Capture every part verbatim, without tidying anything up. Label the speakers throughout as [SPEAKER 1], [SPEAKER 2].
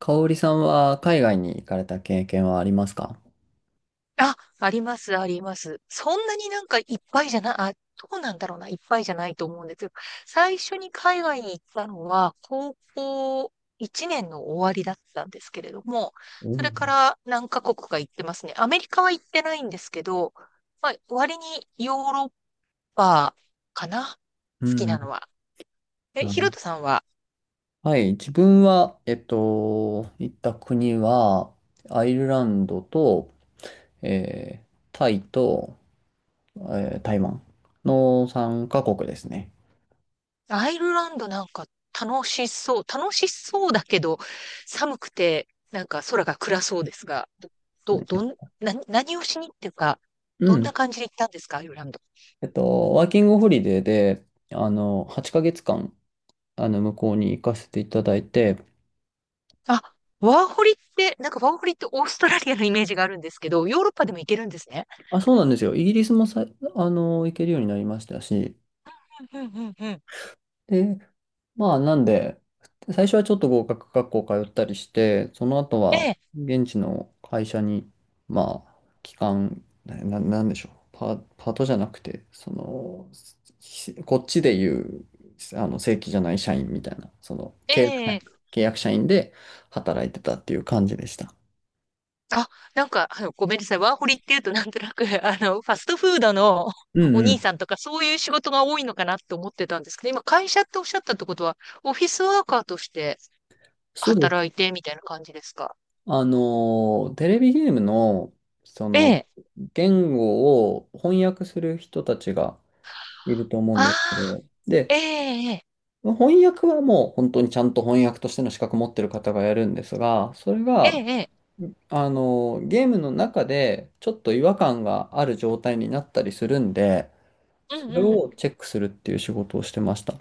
[SPEAKER 1] 香織さんは海外に行かれた経験はありますか？
[SPEAKER 2] あ、あります、あります。そんなになんかいっぱいじゃない、あ、どうなんだろうな、いっぱいじゃないと思うんですけど、最初に海外に行ったのは、高校いちねんの終わりだったんですけれども、
[SPEAKER 1] う
[SPEAKER 2] それか
[SPEAKER 1] ん。
[SPEAKER 2] ら何カ国か行ってますね。アメリカは行ってないんですけど、まあ、割にヨーロッパかな、
[SPEAKER 1] う
[SPEAKER 2] 好きな
[SPEAKER 1] ん。
[SPEAKER 2] のは。え、ヒロト
[SPEAKER 1] あ、
[SPEAKER 2] さんは？
[SPEAKER 1] はい。自分は、えっと、行った国は、アイルランドと、えータイと、えー台湾のさんかこくカ国ですね。
[SPEAKER 2] アイルランドなんか楽しそう。楽しそうだけど、寒くて、なんか空が暗そうですが、ど、どん、な、何をしにっていうか、
[SPEAKER 1] う
[SPEAKER 2] どん
[SPEAKER 1] ん。
[SPEAKER 2] な感じで行ったんですか、アイルランド。
[SPEAKER 1] えっと、ワーキングホリデーで、あの、はちかげつかん、あの、向こうに行かせていただいて、
[SPEAKER 2] あ、ワーホリって、なんかワーホリってオーストラリアのイメージがあるんですけど、ヨーロッパでも行けるんですね。
[SPEAKER 1] あ、そうなんですよ。イギリスもさ、あの、行けるようになりましたし、
[SPEAKER 2] うんうんうんうん。
[SPEAKER 1] で、まあ、なんで、最初はちょっと合格学校通ったりして、その後
[SPEAKER 2] え
[SPEAKER 1] は
[SPEAKER 2] え、
[SPEAKER 1] 現地の会社に、まあ、期間、な、ななんでしょう、パ、パートじゃなくて、その、しこっちでいう、あの、正規じゃない社員みたいな、その、
[SPEAKER 2] え
[SPEAKER 1] 契約社員、
[SPEAKER 2] え。
[SPEAKER 1] 契約社員で働いてたっていう感じでした。
[SPEAKER 2] あ、なんか、あの、ごめんなさい。ワーホリっていうとなんとなく、あの、ファストフードの
[SPEAKER 1] う
[SPEAKER 2] お
[SPEAKER 1] んう
[SPEAKER 2] 兄
[SPEAKER 1] ん。
[SPEAKER 2] さんとかそういう仕事が多いのかなって思ってたんですけど、今会社っておっしゃったってことは、オフィスワーカーとして
[SPEAKER 1] そうです。
[SPEAKER 2] 働いてみたいな感じですか？
[SPEAKER 1] あの、テレビゲームの、そ
[SPEAKER 2] え
[SPEAKER 1] の、
[SPEAKER 2] え。
[SPEAKER 1] 言語を翻訳する人たちがいると思うん
[SPEAKER 2] あ
[SPEAKER 1] ですけど、
[SPEAKER 2] あ、
[SPEAKER 1] で、
[SPEAKER 2] ええ、
[SPEAKER 1] 翻訳はもう本当にちゃんと翻訳としての資格持ってる方がやるんですが、それ
[SPEAKER 2] ええ、
[SPEAKER 1] が、
[SPEAKER 2] ええ、
[SPEAKER 1] あの、ゲームの中でちょっと違和感がある状態になったりするんで、
[SPEAKER 2] う
[SPEAKER 1] そ
[SPEAKER 2] ん
[SPEAKER 1] れ
[SPEAKER 2] うん。
[SPEAKER 1] をチェックするっていう仕事をしてました。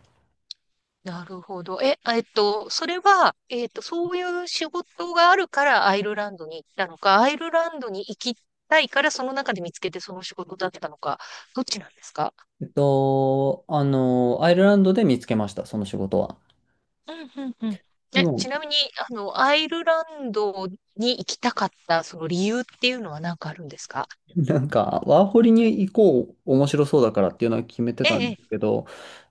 [SPEAKER 2] なるほど。え、あえっと、それは、えっと、そういう仕事があるからアイルランドに行ったのか、アイルランドに行きたいからその中で見つけてその仕事だったのか、どっちなんですか？
[SPEAKER 1] えっと、あの、アイルランドで見つけました、その仕事は。
[SPEAKER 2] うんうんうん。
[SPEAKER 1] で
[SPEAKER 2] え、ち
[SPEAKER 1] も、
[SPEAKER 2] なみに、あの、アイルランドに行きたかった、その理由っていうのは何かあるんですか？
[SPEAKER 1] なんか、ワーホリに行こう、面白そうだからっていうのは決めて
[SPEAKER 2] え
[SPEAKER 1] たんで
[SPEAKER 2] え、
[SPEAKER 1] すけど、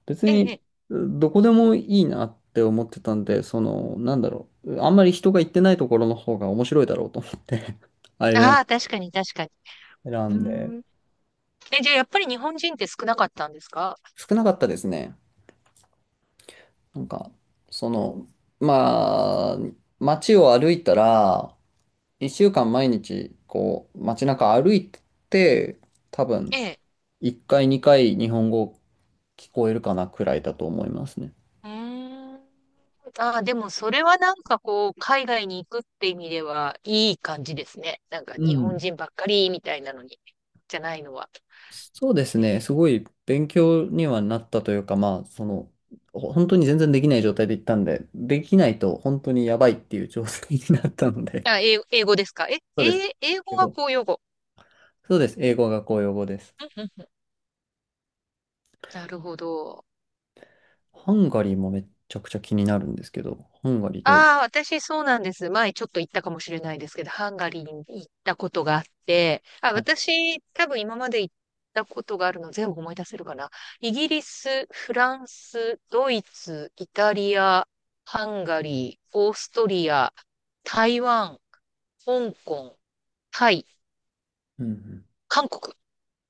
[SPEAKER 1] 別
[SPEAKER 2] ええ、
[SPEAKER 1] に、
[SPEAKER 2] ええ。
[SPEAKER 1] どこでもいいなって思ってたんで、その、なんだろう、あんまり人が行ってないところの方が面白いだろうと思って あれら
[SPEAKER 2] ああ、確かに、確かに。
[SPEAKER 1] 選
[SPEAKER 2] うー
[SPEAKER 1] んで、
[SPEAKER 2] ん。え、じゃあ、やっぱり日本人って少なかったんですか？
[SPEAKER 1] 少なかったですね。なんか、その、まあ、街を歩いたら、いっしゅうかん毎日、こう、街中歩いて、多
[SPEAKER 2] え
[SPEAKER 1] 分、
[SPEAKER 2] え。
[SPEAKER 1] いっかい、にかい日本語聞こえるかなくらいだと思いますね。
[SPEAKER 2] うーん。ああ、でも、それはなんかこう、海外に行くって意味では、いい感じですね。なんか、
[SPEAKER 1] う
[SPEAKER 2] 日本
[SPEAKER 1] ん。
[SPEAKER 2] 人ばっかりみたいなのに、じゃないのは。
[SPEAKER 1] そうです
[SPEAKER 2] え
[SPEAKER 1] ね。
[SPEAKER 2] え。
[SPEAKER 1] すごい勉強にはなったというか、まあ、その、ほ本当に全然できない状態で行ったんで、できないと本当にやばいっていう状態になったので。
[SPEAKER 2] あ、英英語ですか？え、
[SPEAKER 1] そうです。
[SPEAKER 2] 英英語
[SPEAKER 1] 英
[SPEAKER 2] は
[SPEAKER 1] 語。
[SPEAKER 2] 公用語。
[SPEAKER 1] そうです。英語が公用語です。
[SPEAKER 2] うんうんうん。なるほど。
[SPEAKER 1] ハンガリーもめっちゃくちゃ気になるんですけど、ハンガリーどう？
[SPEAKER 2] ああ、私そうなんです。前ちょっと行ったかもしれないですけど、ハンガリーに行ったことがあって、あ、
[SPEAKER 1] はい。
[SPEAKER 2] 私多分今まで行ったことがあるの全部思い出せるかな。イギリス、フランス、ドイツ、イタリア、ハンガリー、オーストリア、台湾、香港、タイ、
[SPEAKER 1] うんうん。
[SPEAKER 2] 韓国、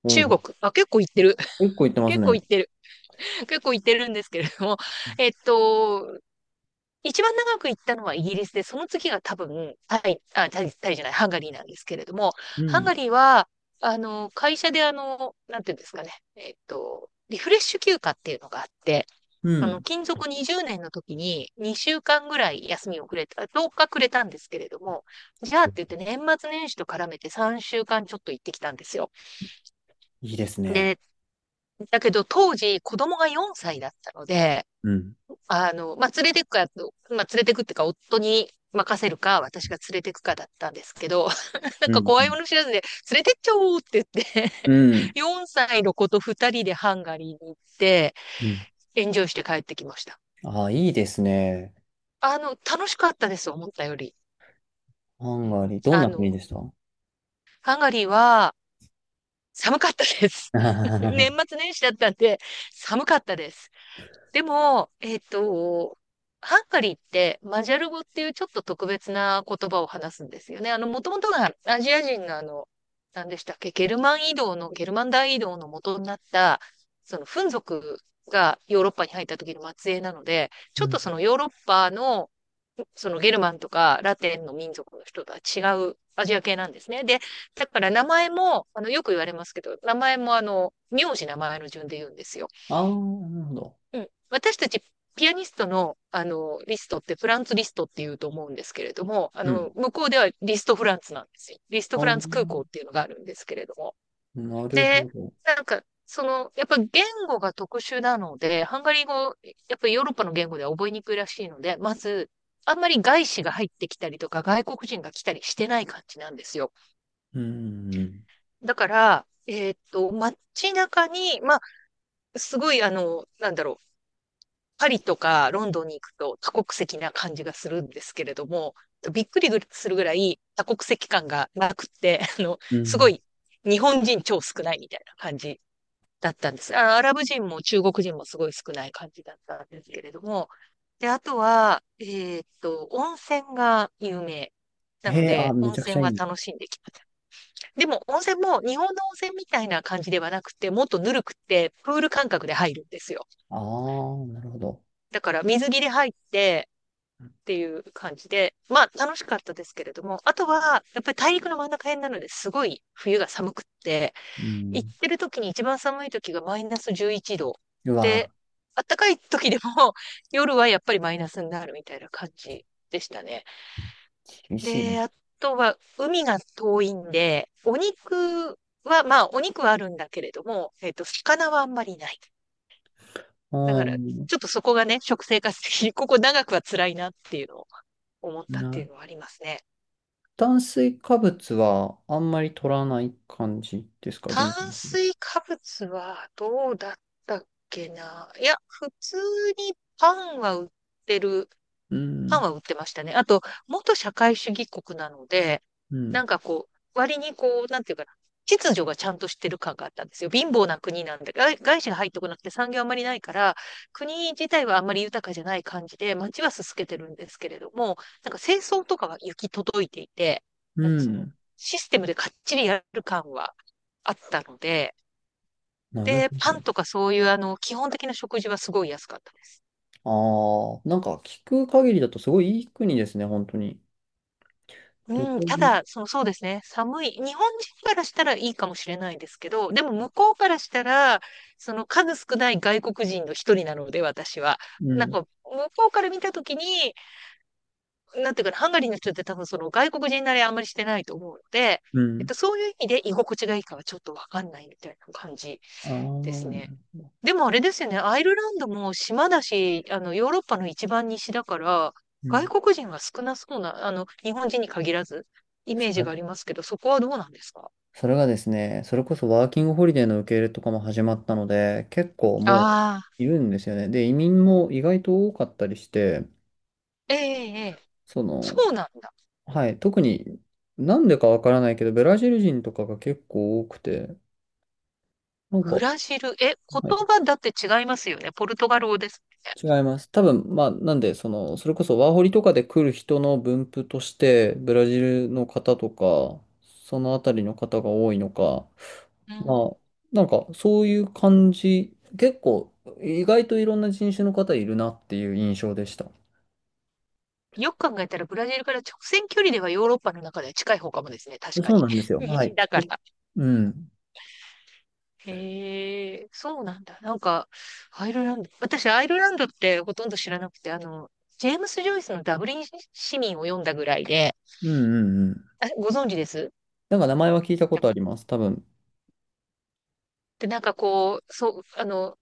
[SPEAKER 1] お
[SPEAKER 2] 中国。
[SPEAKER 1] う。
[SPEAKER 2] あ、結構行ってる。
[SPEAKER 1] 結構行って ます
[SPEAKER 2] 結構
[SPEAKER 1] ね。
[SPEAKER 2] 行ってる。結構行ってるんですけれども。えっと、一番長く行ったのはイギリスで、その次が多分、タイ、あ、タイ、タイじゃない、ハンガリーなんですけれども、
[SPEAKER 1] う
[SPEAKER 2] ハン
[SPEAKER 1] ん。
[SPEAKER 2] ガリーは、あの、会社であの、なんていうんですかね、えっと、リフレッシュ休暇っていうのがあって、
[SPEAKER 1] う
[SPEAKER 2] あの、
[SPEAKER 1] ん。
[SPEAKER 2] 勤続にじゅうねんの時ににしゅうかんぐらい休みをくれた、とおかくれたんですけれども、じゃあって言って年末年始と絡めてさんしゅうかんちょっと行ってきたんですよ。
[SPEAKER 1] いいですね。
[SPEAKER 2] で、だけど当時子供がよんさいだったので、
[SPEAKER 1] うん。
[SPEAKER 2] あの、まあ、連れてくか、まあ、連れてくってか、夫に任せるか、私が連れてくかだったんですけど、なん
[SPEAKER 1] う
[SPEAKER 2] か
[SPEAKER 1] ん。う
[SPEAKER 2] 怖いも
[SPEAKER 1] ん。
[SPEAKER 2] の知らずで、連れてっちゃおうって言って
[SPEAKER 1] うん
[SPEAKER 2] よん 歳の子とふたりでハンガリーに行って、
[SPEAKER 1] うん。
[SPEAKER 2] エンジョイして帰ってきました。
[SPEAKER 1] ああ、いいですね。
[SPEAKER 2] あの、楽しかったです、思ったより。
[SPEAKER 1] ハ
[SPEAKER 2] う
[SPEAKER 1] ンガ
[SPEAKER 2] ん、
[SPEAKER 1] リー。どん
[SPEAKER 2] あ
[SPEAKER 1] な国
[SPEAKER 2] の、
[SPEAKER 1] でした？
[SPEAKER 2] ハンガリーは寒かったです。年 末年始だったんで、寒かったです。でも、えっと、ハンガリーってマジャル語っていうちょっと特別な言葉を話すんですよね。あの、もともとがアジア人があの、何でしたっけ、ゲルマン移動の、ゲルマン大移動の元になった、その、フン族がヨーロッパに入った時の末裔なので、ち
[SPEAKER 1] う
[SPEAKER 2] ょっと
[SPEAKER 1] ん。
[SPEAKER 2] そのヨーロッパの、そのゲルマンとかラテンの民族の人とは違うアジア系なんですね。で、だから名前も、あの、よく言われますけど、名前もあの、名字名前の順で言うんですよ。
[SPEAKER 1] ああ、なるほど。
[SPEAKER 2] うん。私たちピアニストの、あの、リストってフランツリストって言うと思うんですけれども、あ
[SPEAKER 1] うん。
[SPEAKER 2] の、向こうではリストフランツなんですよ。リスト
[SPEAKER 1] あ
[SPEAKER 2] フ
[SPEAKER 1] あ、
[SPEAKER 2] ランツ空港っていうのがあるんですけれども。
[SPEAKER 1] なる
[SPEAKER 2] で、
[SPEAKER 1] ほど。
[SPEAKER 2] なんか、その、やっぱ言語が特殊なので、ハンガリー語、やっぱりヨーロッパの言語では覚えにくいらしいので、まず、あんまり外資が入ってきたりとか、外国人が来たりしてない感じなんですよ。
[SPEAKER 1] うん。
[SPEAKER 2] だから、えーっと、街中に、まあ、すごい、あの、なんだろう、パリとかロンドンに行くと多国籍な感じがするんですけれども、びっくりするぐらい多国籍感がなくて、あの、
[SPEAKER 1] う
[SPEAKER 2] すご
[SPEAKER 1] ん。
[SPEAKER 2] い日本人超少ないみたいな感じだったんです。あアラブ人も中国人もすごい少ない感じだったんですけれども、で、あとは、えーっと、温泉が有名。なの
[SPEAKER 1] へえ、あ、
[SPEAKER 2] で、
[SPEAKER 1] め
[SPEAKER 2] 温
[SPEAKER 1] ちゃく
[SPEAKER 2] 泉
[SPEAKER 1] ちゃい
[SPEAKER 2] は
[SPEAKER 1] い。
[SPEAKER 2] 楽しんできました。でも、温泉も日本の温泉みたいな感じではなくて、もっとぬるくて、プール感覚で入るんですよ。
[SPEAKER 1] ああ、なるほど。
[SPEAKER 2] だから、水着で入って、っていう感じで、まあ楽しかったですけれども、あとはやっぱり大陸の真ん中辺なのですごい冬が寒くって、
[SPEAKER 1] う
[SPEAKER 2] 行っ
[SPEAKER 1] ん。
[SPEAKER 2] てる時に一番寒い時がマイナスじゅういちど
[SPEAKER 1] うわ、
[SPEAKER 2] で、暖かい時でも 夜はやっぱりマイナスになるみたいな感じでしたね。
[SPEAKER 1] 厳しい
[SPEAKER 2] で、
[SPEAKER 1] ね。
[SPEAKER 2] あとは海が遠いんで、お肉は、まあお肉はあるんだけれども、えっと、魚はあんまりない。だ
[SPEAKER 1] う
[SPEAKER 2] から、
[SPEAKER 1] ん。
[SPEAKER 2] ちょっとそこがね、食生活的にここ長くは辛いなっていうのを思ったっていう
[SPEAKER 1] な、
[SPEAKER 2] のはありますね。
[SPEAKER 1] 炭水化物はあんまり取らない感じですか、現
[SPEAKER 2] 炭水化物はどうだったっけな。いや、普通にパンは売ってる。
[SPEAKER 1] う
[SPEAKER 2] パン
[SPEAKER 1] ん。
[SPEAKER 2] は売ってましたね。あと、元社会主義国なので、
[SPEAKER 1] う
[SPEAKER 2] な
[SPEAKER 1] ん。
[SPEAKER 2] んかこう、割にこう、なんていうかな、秩序がちゃんとしてる感があったんですよ。貧乏な国なんで、外外資が入ってこなくて産業あんまりないから、国自体はあんまり豊かじゃない感じで、街はすすけてるんですけれども、なんか清掃とかは行き届いていて、
[SPEAKER 1] う
[SPEAKER 2] なんかその、
[SPEAKER 1] ん。
[SPEAKER 2] システムでかっちりやる感はあったので、
[SPEAKER 1] なるほ
[SPEAKER 2] で、パ
[SPEAKER 1] ど。
[SPEAKER 2] ンとかそういうあの、基本的な食事はすごい安かったです。
[SPEAKER 1] ああ、なんか聞く限りだとすごいいい国ですね、本当に。旅
[SPEAKER 2] うん、
[SPEAKER 1] 行
[SPEAKER 2] た
[SPEAKER 1] に。
[SPEAKER 2] だ、その、そうですね、寒い、日本人からしたらいいかもしれないですけど、でも向こうからしたら、その数少ない外国人の一人なので、私は。
[SPEAKER 1] う
[SPEAKER 2] なん
[SPEAKER 1] ん。
[SPEAKER 2] か、向こうから見たときに、なんていうかな、ハンガリーの人って多分その外国人慣れあんまりしてないと思うので、
[SPEAKER 1] う
[SPEAKER 2] えっ
[SPEAKER 1] ん。
[SPEAKER 2] と、そういう意味で居心地がいいかはちょっとわかんないみたいな感じ
[SPEAKER 1] ああ、
[SPEAKER 2] ですね。
[SPEAKER 1] う
[SPEAKER 2] でもあれですよね、アイルランドも島だし、あの、ヨーロッパの一番西だから、外
[SPEAKER 1] ん。
[SPEAKER 2] 国人が少なそうな、あの、日本人に限らず、イメージがありますけど、そこはどうなんですか？
[SPEAKER 1] それがですね、それこそワーキングホリデーの受け入れとかも始まったので、結構もう
[SPEAKER 2] ああ、
[SPEAKER 1] いるんですよね。で、移民も意外と多かったりして、
[SPEAKER 2] ええ、ええ、
[SPEAKER 1] その、
[SPEAKER 2] そうなんだ。
[SPEAKER 1] はい、特になんでかわからないけど、ブラジル人とかが結構多くて、なん
[SPEAKER 2] ブ
[SPEAKER 1] か、
[SPEAKER 2] ラジル、え、言
[SPEAKER 1] はい、
[SPEAKER 2] 葉だって違いますよね。ポルトガル語です
[SPEAKER 1] 違います。多分、まあ、なんで、その、それこそワーホリとかで来る人の分布として、ブラジルの方とか、そのあたりの方が多いのか、ま
[SPEAKER 2] ね。
[SPEAKER 1] あ、なんかそういう感じ、結構意外といろんな人種の方いるなっていう印象でした。
[SPEAKER 2] うん。よく考えたら、ブラジルから直線距離ではヨーロッパの中では近い方かもですね。確か
[SPEAKER 1] そう
[SPEAKER 2] に。
[SPEAKER 1] なんです よ。はい、
[SPEAKER 2] 西
[SPEAKER 1] きっ
[SPEAKER 2] だか
[SPEAKER 1] と。
[SPEAKER 2] ら。
[SPEAKER 1] うん。
[SPEAKER 2] へえ、そうなんだ。なんか、アイルランド、私、アイルランドってほとんど知らなくて、あの、ジェームス・ジョイスのダブリン市民を読んだぐらいで、
[SPEAKER 1] うんうんうん。
[SPEAKER 2] あ、ご存知です？
[SPEAKER 1] なんか名前は聞いたことあります。多分。
[SPEAKER 2] で、なんかこう、そう、あの、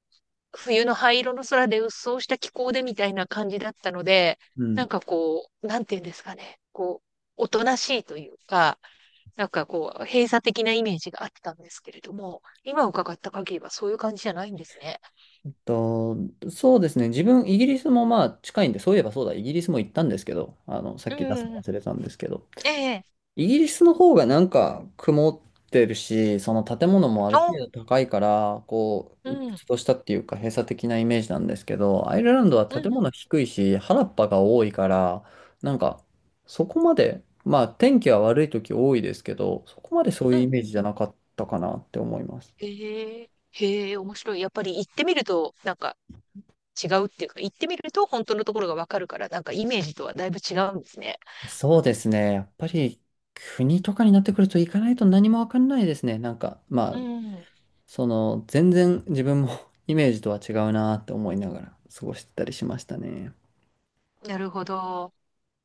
[SPEAKER 2] 冬の灰色の空で鬱蒼した気候でみたいな感じだったので、
[SPEAKER 1] う
[SPEAKER 2] な
[SPEAKER 1] ん。
[SPEAKER 2] んかこう、なんていうんですかね、こう、おとなしいというか、なんかこう、閉鎖的なイメージがあったんですけれども、今伺った限りはそういう感じじゃないんですね。
[SPEAKER 1] と、そうですね。自分、イギリスもまあ近いんで、そういえばそうだ、イギリスも行ったんですけど、あの、さっ
[SPEAKER 2] う
[SPEAKER 1] き出すの
[SPEAKER 2] ん、
[SPEAKER 1] 忘れたんですけど、
[SPEAKER 2] ええ、
[SPEAKER 1] イギリスの方がなんか曇ってるし、その建物もある程
[SPEAKER 2] お、
[SPEAKER 1] 度高いから、こ
[SPEAKER 2] う
[SPEAKER 1] う、鬱
[SPEAKER 2] ん。
[SPEAKER 1] 屈としたっていうか閉鎖的なイメージなんですけど、アイルランドは
[SPEAKER 2] う
[SPEAKER 1] 建
[SPEAKER 2] んう
[SPEAKER 1] 物
[SPEAKER 2] ん。
[SPEAKER 1] 低いし、原っぱが多いから、なんかそこまで、まあ天気は悪い時多いですけど、そこまでそう
[SPEAKER 2] う
[SPEAKER 1] いう
[SPEAKER 2] ん
[SPEAKER 1] イメー
[SPEAKER 2] う
[SPEAKER 1] ジ
[SPEAKER 2] ん。
[SPEAKER 1] じゃなかったかなって思います。
[SPEAKER 2] へえ、へえ、面白い。やっぱり行ってみると、なんか違うっていうか、行ってみると本当のところがわかるから、なんかイメージとはだいぶ違うんですね。
[SPEAKER 1] そうですね。やっぱり国とかになってくると行かないと何もわかんないですね。なんか、ま
[SPEAKER 2] う
[SPEAKER 1] あ、
[SPEAKER 2] ん。
[SPEAKER 1] その、全然自分も イメージとは違うなって思いながら過ごしてたりしましたね。
[SPEAKER 2] なるほど。